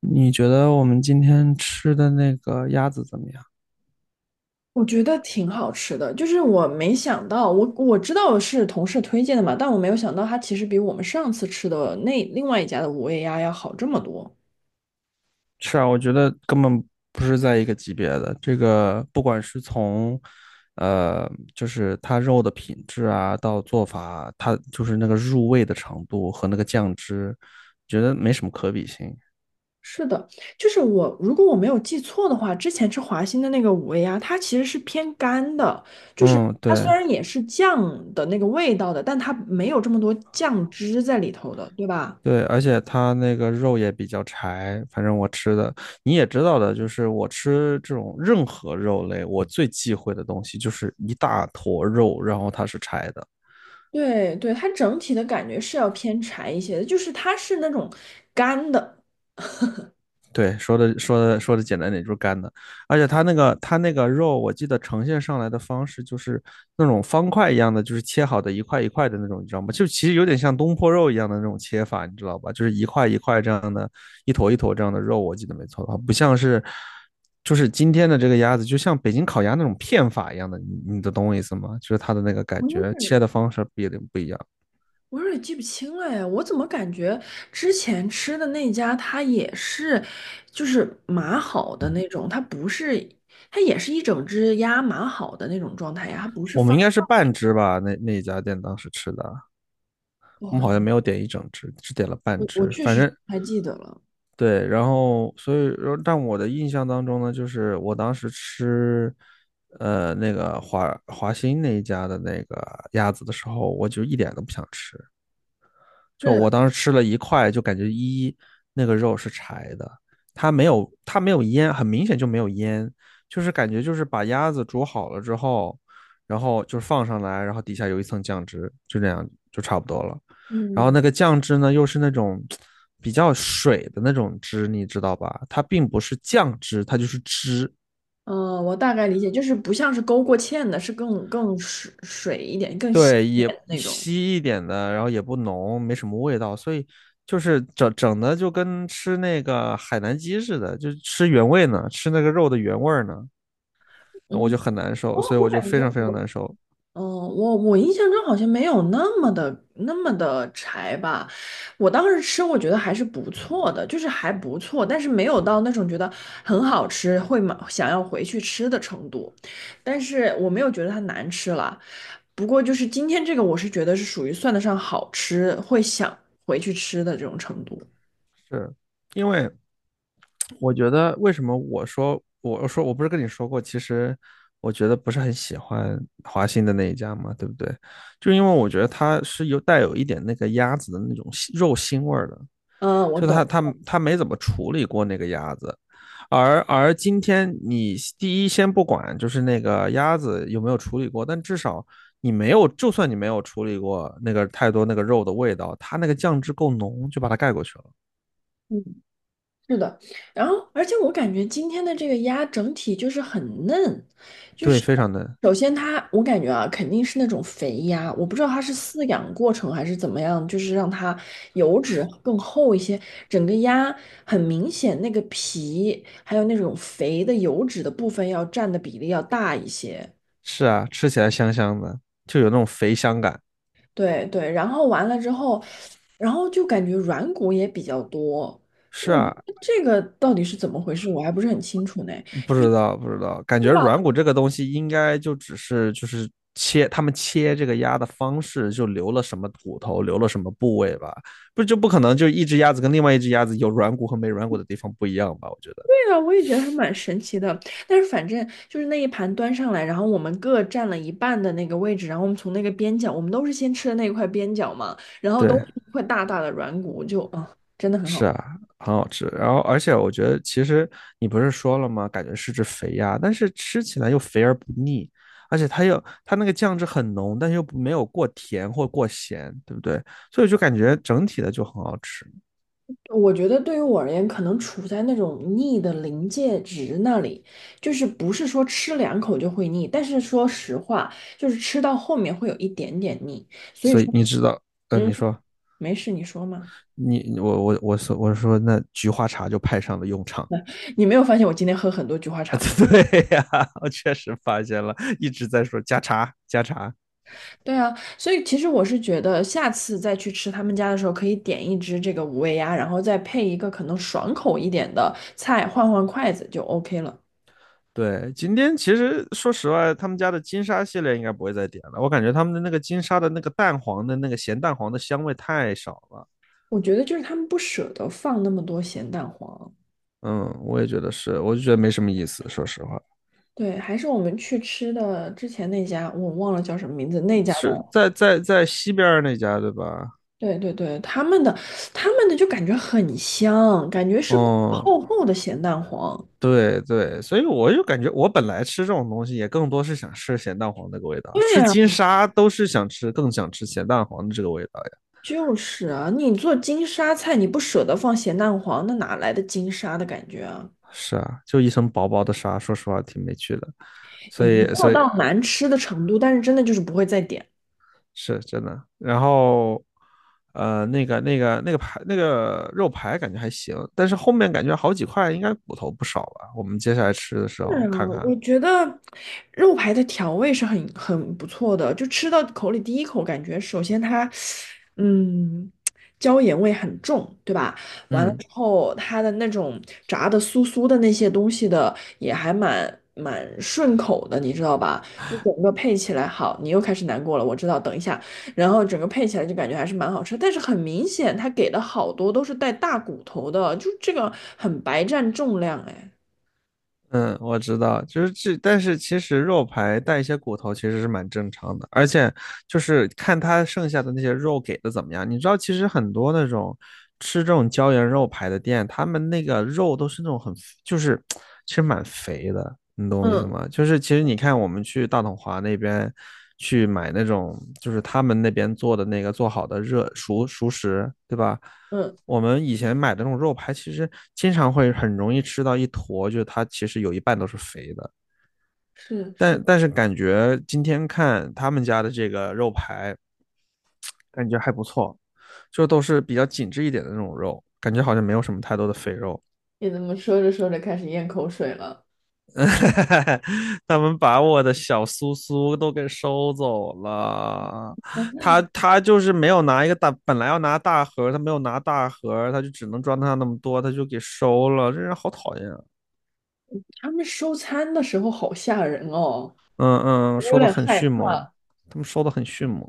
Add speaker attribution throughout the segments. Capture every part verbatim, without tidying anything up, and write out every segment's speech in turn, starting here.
Speaker 1: 你觉得我们今天吃的那个鸭子怎么样？
Speaker 2: 我觉得挺好吃的，就是我没想到，我我知道是同事推荐的嘛，但我没有想到它其实比我们上次吃的那另外一家的五味鸭要好这么多。
Speaker 1: 是啊，我觉得根本不是在一个级别的。这个不管是从，呃，就是它肉的品质啊，到做法，它就是那个入味的程度和那个酱汁，觉得没什么可比性。
Speaker 2: 是的，就是我如果我没有记错的话，之前吃华兴的那个五味鸭，它其实是偏干的，就是
Speaker 1: 嗯，
Speaker 2: 它虽
Speaker 1: 对
Speaker 2: 然也是酱的那个味道的，但它没有这么多酱汁在里头的，对吧？
Speaker 1: 对，而且它那个肉也比较柴，反正我吃的你也知道的，就是我吃这种任何肉类，我最忌讳的东西就是一大坨肉，然后它是柴的。
Speaker 2: 对对，它整体的感觉是要偏柴一些的，就是它是那种干的。
Speaker 1: 对，说的说的说的简单点就是干的，而且它那个它那个肉，我记得呈现上来的方式就是那种方块一样的，就是切好的一块一块的那种，你知道吗？就其实有点像东坡肉一样的那种切法，你知道吧？就是一块一块这样的，一坨一坨这样的肉，我记得没错的话，不像是就是今天的这个鸭子，就像北京烤鸭那种片法一样的，你你的懂我意思吗？就是它的那个感
Speaker 2: 不用
Speaker 1: 觉，切
Speaker 2: 是
Speaker 1: 的方式不一定不一样。
Speaker 2: 我有点记不清了呀，我怎么感觉之前吃的那家它也是，就是码好的那种，它不是，它也是一整只鸭码好的那种状态呀，它不是
Speaker 1: 我们
Speaker 2: 放，
Speaker 1: 应该是半只吧，那那一家店当时吃的，我们好像没有点一整只，只点了半
Speaker 2: 我我
Speaker 1: 只，
Speaker 2: 确
Speaker 1: 反
Speaker 2: 实不
Speaker 1: 正
Speaker 2: 太记得了，
Speaker 1: 对，然后所以，但我的印象当中呢，就是我当时吃，呃，那个华华兴那一家的那个鸭子的时候，我就一点都不想吃，就
Speaker 2: 是，
Speaker 1: 我当时吃了一块，就感觉一那个肉是柴的，它没有它没有腌，很明显就没有腌，就是感觉就是把鸭子煮好了之后，然后就是放上来，然后底下有一层酱汁，就这样就差不多了。然后
Speaker 2: 嗯
Speaker 1: 那个酱汁呢，又是那种比较水的那种汁，你知道吧？它并不是酱汁，它就是汁，
Speaker 2: 呃，我大概理解，就是不像是勾过芡的，是更更水水一点、更稀
Speaker 1: 对，
Speaker 2: 一
Speaker 1: 也
Speaker 2: 点的那种。
Speaker 1: 稀一点的，然后也不浓，没什么味道，所以就是整整的就跟吃那个海南鸡似的，就是吃原味呢，吃那个肉的原味儿呢，我
Speaker 2: 嗯，
Speaker 1: 就很难受，
Speaker 2: 我
Speaker 1: 所以
Speaker 2: 我
Speaker 1: 我就
Speaker 2: 感
Speaker 1: 非
Speaker 2: 觉
Speaker 1: 常非常难
Speaker 2: 我
Speaker 1: 受。
Speaker 2: 嗯，我我印象中好像没有那么的那么的柴吧。我当时吃，我觉得还是不错的，就是还不错，但是没有到那种觉得很好吃，会买想要回去吃的程度。但是我没有觉得它难吃了。不过就是今天这个，我是觉得是属于算得上好吃，会想回去吃的这种程度。
Speaker 1: 是因为我觉得为什么我说我我说我不是跟你说过，其实我觉得不是很喜欢华兴的那一家嘛，对不对？就因为我觉得它是有带有一点那个鸭子的那种腥肉腥味儿的。
Speaker 2: 嗯，我
Speaker 1: 就他
Speaker 2: 懂。
Speaker 1: 他他没怎么处理过那个鸭子，而而今天你第一先不管就是那个鸭子有没有处理过，但至少你没有，就算你没有处理过那个太多那个肉的味道，它那个酱汁够浓，就把它盖过去了。
Speaker 2: 是的，然后而且我感觉今天的这个鸭整体就是很嫩，就
Speaker 1: 对，
Speaker 2: 是
Speaker 1: 非常嫩。
Speaker 2: 首先它我感觉啊肯定是那种肥鸭，我不知道它是饲养过程还是怎么样，就是让它油脂更厚一些，整个鸭很明显那个皮还有那种肥的油脂的部分要占的比例要大一些，
Speaker 1: 是啊，吃起来香香的，就有那种肥香感。
Speaker 2: 对对，然后完了之后，然后就感觉软骨也比较多，
Speaker 1: 是
Speaker 2: 我
Speaker 1: 啊，
Speaker 2: 这个到底是怎么回事，我还不是很清楚呢。
Speaker 1: 不知道，不知道，感觉软骨这个东西应该就只是就是切，他们切这个鸭的方式就留了什么骨头，留了什么部位吧，不就不可能就一只鸭子跟另外一只鸭子有软骨和没软骨的地方不一样吧？我觉得，
Speaker 2: 对啊，我也觉得还蛮神奇的。但是反正就是那一盘端上来，然后我们各占了一半的那个位置，然后我们从那个边角，我们都是先吃的那一块边角嘛，然后都
Speaker 1: 对，
Speaker 2: 是一块大大的软骨，就啊，真的很
Speaker 1: 是
Speaker 2: 好。
Speaker 1: 啊，很好吃。然后，而且我觉得其实你不是说了吗？感觉是只肥鸭，但是吃起来又肥而不腻，而且它又它那个酱汁很浓，但又没有过甜或过咸，对不对？所以就感觉整体的就很好吃。
Speaker 2: 我觉得对于我而言，可能处在那种腻的临界值那里，就是不是说吃两口就会腻，但是说实话，就是吃到后面会有一点点腻。所以
Speaker 1: 所以
Speaker 2: 说，
Speaker 1: 你知道，嗯、呃
Speaker 2: 嗯，
Speaker 1: 你说
Speaker 2: 没事，你说嘛。
Speaker 1: 你我我我说我说那菊花茶就派上了用场
Speaker 2: 你没有发现我今天喝很多菊花茶
Speaker 1: 啊，
Speaker 2: 吗？
Speaker 1: 对呀、啊我确实发现了，一直在说加茶加茶。
Speaker 2: 对啊，所以其实我是觉得，下次再去吃他们家的时候，可以点一只这个五味鸭，然后再配一个可能爽口一点的菜，换换筷子就 OK 了。
Speaker 1: 对，今天其实说实话，他们家的金沙系列应该不会再点了，我感觉他们的那个金沙的那个蛋黄的那个咸蛋黄的香味太少了。
Speaker 2: 我觉得就是他们不舍得放那么多咸蛋黄。
Speaker 1: 嗯，我也觉得是，我就觉得没什么意思，说实话，
Speaker 2: 对，还是我们去吃的之前那家，我忘了叫什么名字，那家的，
Speaker 1: 是在在在西边那家对吧？
Speaker 2: 对对对，他们的他们的就感觉很香，感觉是
Speaker 1: 哦、
Speaker 2: 厚厚的咸蛋黄。
Speaker 1: 对对，所以我就感觉我本来吃这种东西也更多是想吃咸蛋黄那个味道，
Speaker 2: 对
Speaker 1: 吃
Speaker 2: 啊，
Speaker 1: 金沙都是想吃，更想吃咸蛋黄的这个味道呀。
Speaker 2: 就是啊，你做金沙菜，你不舍得放咸蛋黄，那哪来的金沙的感觉啊？
Speaker 1: 是啊，就一层薄薄的沙，说实话挺没趣的。所
Speaker 2: 也没
Speaker 1: 以
Speaker 2: 有
Speaker 1: 所以
Speaker 2: 到难吃的程度，但是真的就是不会再点。
Speaker 1: 是真的。然后呃，那个那个那个排那个肉排感觉还行，但是后面感觉好几块应该骨头不少吧。我们接下来吃的时
Speaker 2: 是
Speaker 1: 候
Speaker 2: 啊，
Speaker 1: 看看，
Speaker 2: 我觉得肉排的调味是很很不错的，就吃到口里第一口感觉，首先它，嗯，椒盐味很重，对吧？完了
Speaker 1: 嗯。
Speaker 2: 之后，它的那种炸的酥酥的那些东西的也还蛮蛮顺口的，你知道吧？就整个配起来好，你又开始难过了，我知道，等一下，然后整个配起来就感觉还是蛮好吃，但是很明显，它给的好多都是带大骨头的，就这个很白占重量，哎。
Speaker 1: 嗯，我知道，就是这，但是其实肉排带一些骨头其实是蛮正常的，而且就是看它剩下的那些肉给的怎么样。你知道，其实很多那种吃这种椒盐肉排的店，他们那个肉都是那种很，就是其实蛮肥的，你懂我意思
Speaker 2: 嗯，
Speaker 1: 吗？就是其实你看我们去大统华那边去买那种，就是他们那边做的那个做好的热熟熟食，对吧？
Speaker 2: 嗯。
Speaker 1: 我们以前买的那种肉排，其实经常会很容易吃到一坨，就是它其实有一半都是肥的。
Speaker 2: 是是，
Speaker 1: 但但是感觉今天看他们家的这个肉排，感觉还不错，就都是比较紧致一点的那种肉，感觉好像没有什么太多的肥肉。
Speaker 2: 你怎么说着说着开始咽口水了？
Speaker 1: 他们把我的小苏苏都给收走了，他他就是没有拿一个大，本来要拿大盒他没有拿大盒他就只能装他那么多，他就给收了，这人好讨厌啊！
Speaker 2: 他们收餐的时候好吓人哦，
Speaker 1: 嗯嗯，
Speaker 2: 我
Speaker 1: 收
Speaker 2: 有
Speaker 1: 的
Speaker 2: 点
Speaker 1: 很
Speaker 2: 害
Speaker 1: 迅猛，
Speaker 2: 怕。
Speaker 1: 他们收的很迅猛。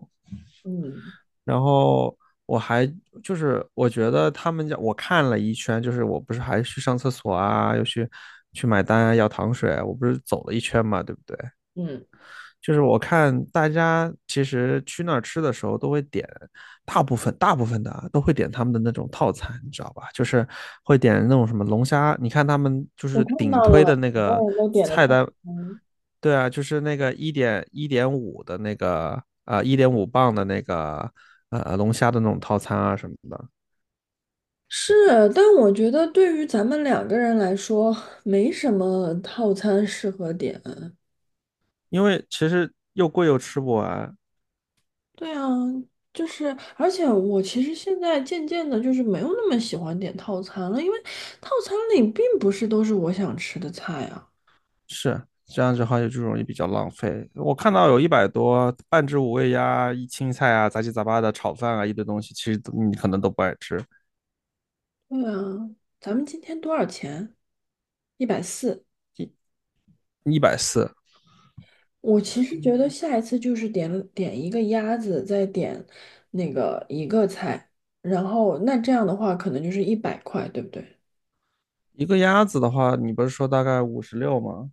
Speaker 2: 嗯
Speaker 1: 然后我还就是我觉得他们家我看了一圈，就是我不是还去上厕所啊，又去去买单啊，要糖水啊，我不是走了一圈嘛，对不对？
Speaker 2: 嗯，
Speaker 1: 就是我看大家其实去那儿吃的时候都会点，大部分大部分的啊都会点他们的那种套餐，你知道吧？就是会点那种什么龙虾，你看他们就
Speaker 2: 我
Speaker 1: 是
Speaker 2: 看
Speaker 1: 顶
Speaker 2: 到
Speaker 1: 推的
Speaker 2: 了，
Speaker 1: 那
Speaker 2: 很多
Speaker 1: 个
Speaker 2: 人都点的
Speaker 1: 菜
Speaker 2: 套
Speaker 1: 单
Speaker 2: 餐。
Speaker 1: 对啊，就是那个一点一点五的那个啊，一点五磅的那个呃龙虾的那种套餐啊什么的，
Speaker 2: 是，但我觉得对于咱们两个人来说，没什么套餐适合点。
Speaker 1: 因为其实又贵又吃不完，
Speaker 2: 对啊，就是，而且我其实现在渐渐的，就是没有那么喜欢点套餐了，因为套餐里并不是都是我想吃的菜啊。
Speaker 1: 是这样子的话就容易比较浪费。我看到有一百多半只五味鸭、一青菜啊、杂七杂八的炒饭啊一堆东西，其实都你可能都不爱吃。
Speaker 2: 对啊，咱们今天多少钱？一百四，
Speaker 1: 一百四
Speaker 2: 我其实觉嗯得下一次就是点点一个鸭子，再点那个一个菜，然后那这样的话可能就是一百块，对不对？
Speaker 1: 一个鸭子的话，你不是说大概五十六吗？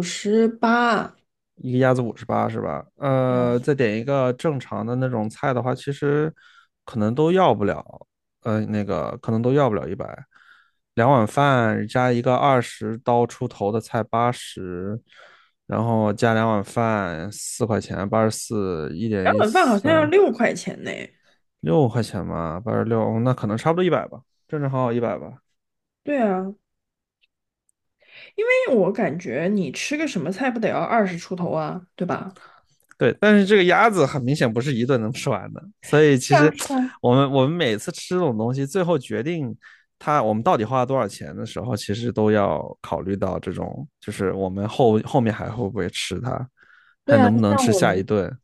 Speaker 2: 五十八，
Speaker 1: 一个鸭子五十八是吧？呃，再点一个正常的那种菜的话，其实可能都要不了，呃，那个可能都要不了一百。两碗饭加一个二十刀出头的菜八十，然后加两碗饭四块钱，八十四，一
Speaker 2: 两
Speaker 1: 点一
Speaker 2: 碗饭好
Speaker 1: 三，
Speaker 2: 像要六块钱呢。
Speaker 1: 六块钱吧，八十六，哦那可能差不多一百吧，正正好好一百吧。
Speaker 2: 对啊，因为我感觉你吃个什么菜不得要二十出头啊，对吧？
Speaker 1: 对，但是这个鸭子很明显不是一顿能吃完的，所以其
Speaker 2: 是啊，
Speaker 1: 实
Speaker 2: 是啊。
Speaker 1: 我们我们每次吃这种东西，最后决定它我们到底花了多少钱的时候，其实都要考虑到这种，就是我们后后面还会不会吃它，
Speaker 2: 对
Speaker 1: 还
Speaker 2: 啊，
Speaker 1: 能不能
Speaker 2: 像
Speaker 1: 吃
Speaker 2: 我
Speaker 1: 下
Speaker 2: 们
Speaker 1: 一顿，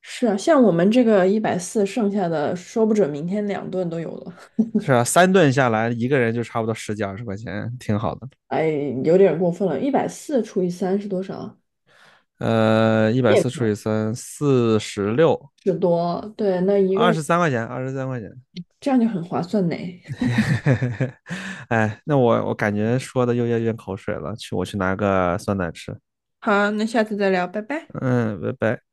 Speaker 2: 是啊，像我们这个一百四，剩下的说不准明天两顿都有了。
Speaker 1: 是啊，三顿下来，一个人就差不多十几二十块钱，挺好的。
Speaker 2: 哎，有点过分了，一百四除以三是多少啊
Speaker 1: 呃，一百四除以三，四十六，
Speaker 2: 十多，对，那一个
Speaker 1: 二
Speaker 2: 人
Speaker 1: 十三块钱，二十三块钱。
Speaker 2: 这样就很划算呢。
Speaker 1: 哎，那我我感觉说的又要咽口水了，去我去拿个酸奶吃。
Speaker 2: 好，那下次再聊，拜拜。
Speaker 1: 嗯，拜拜。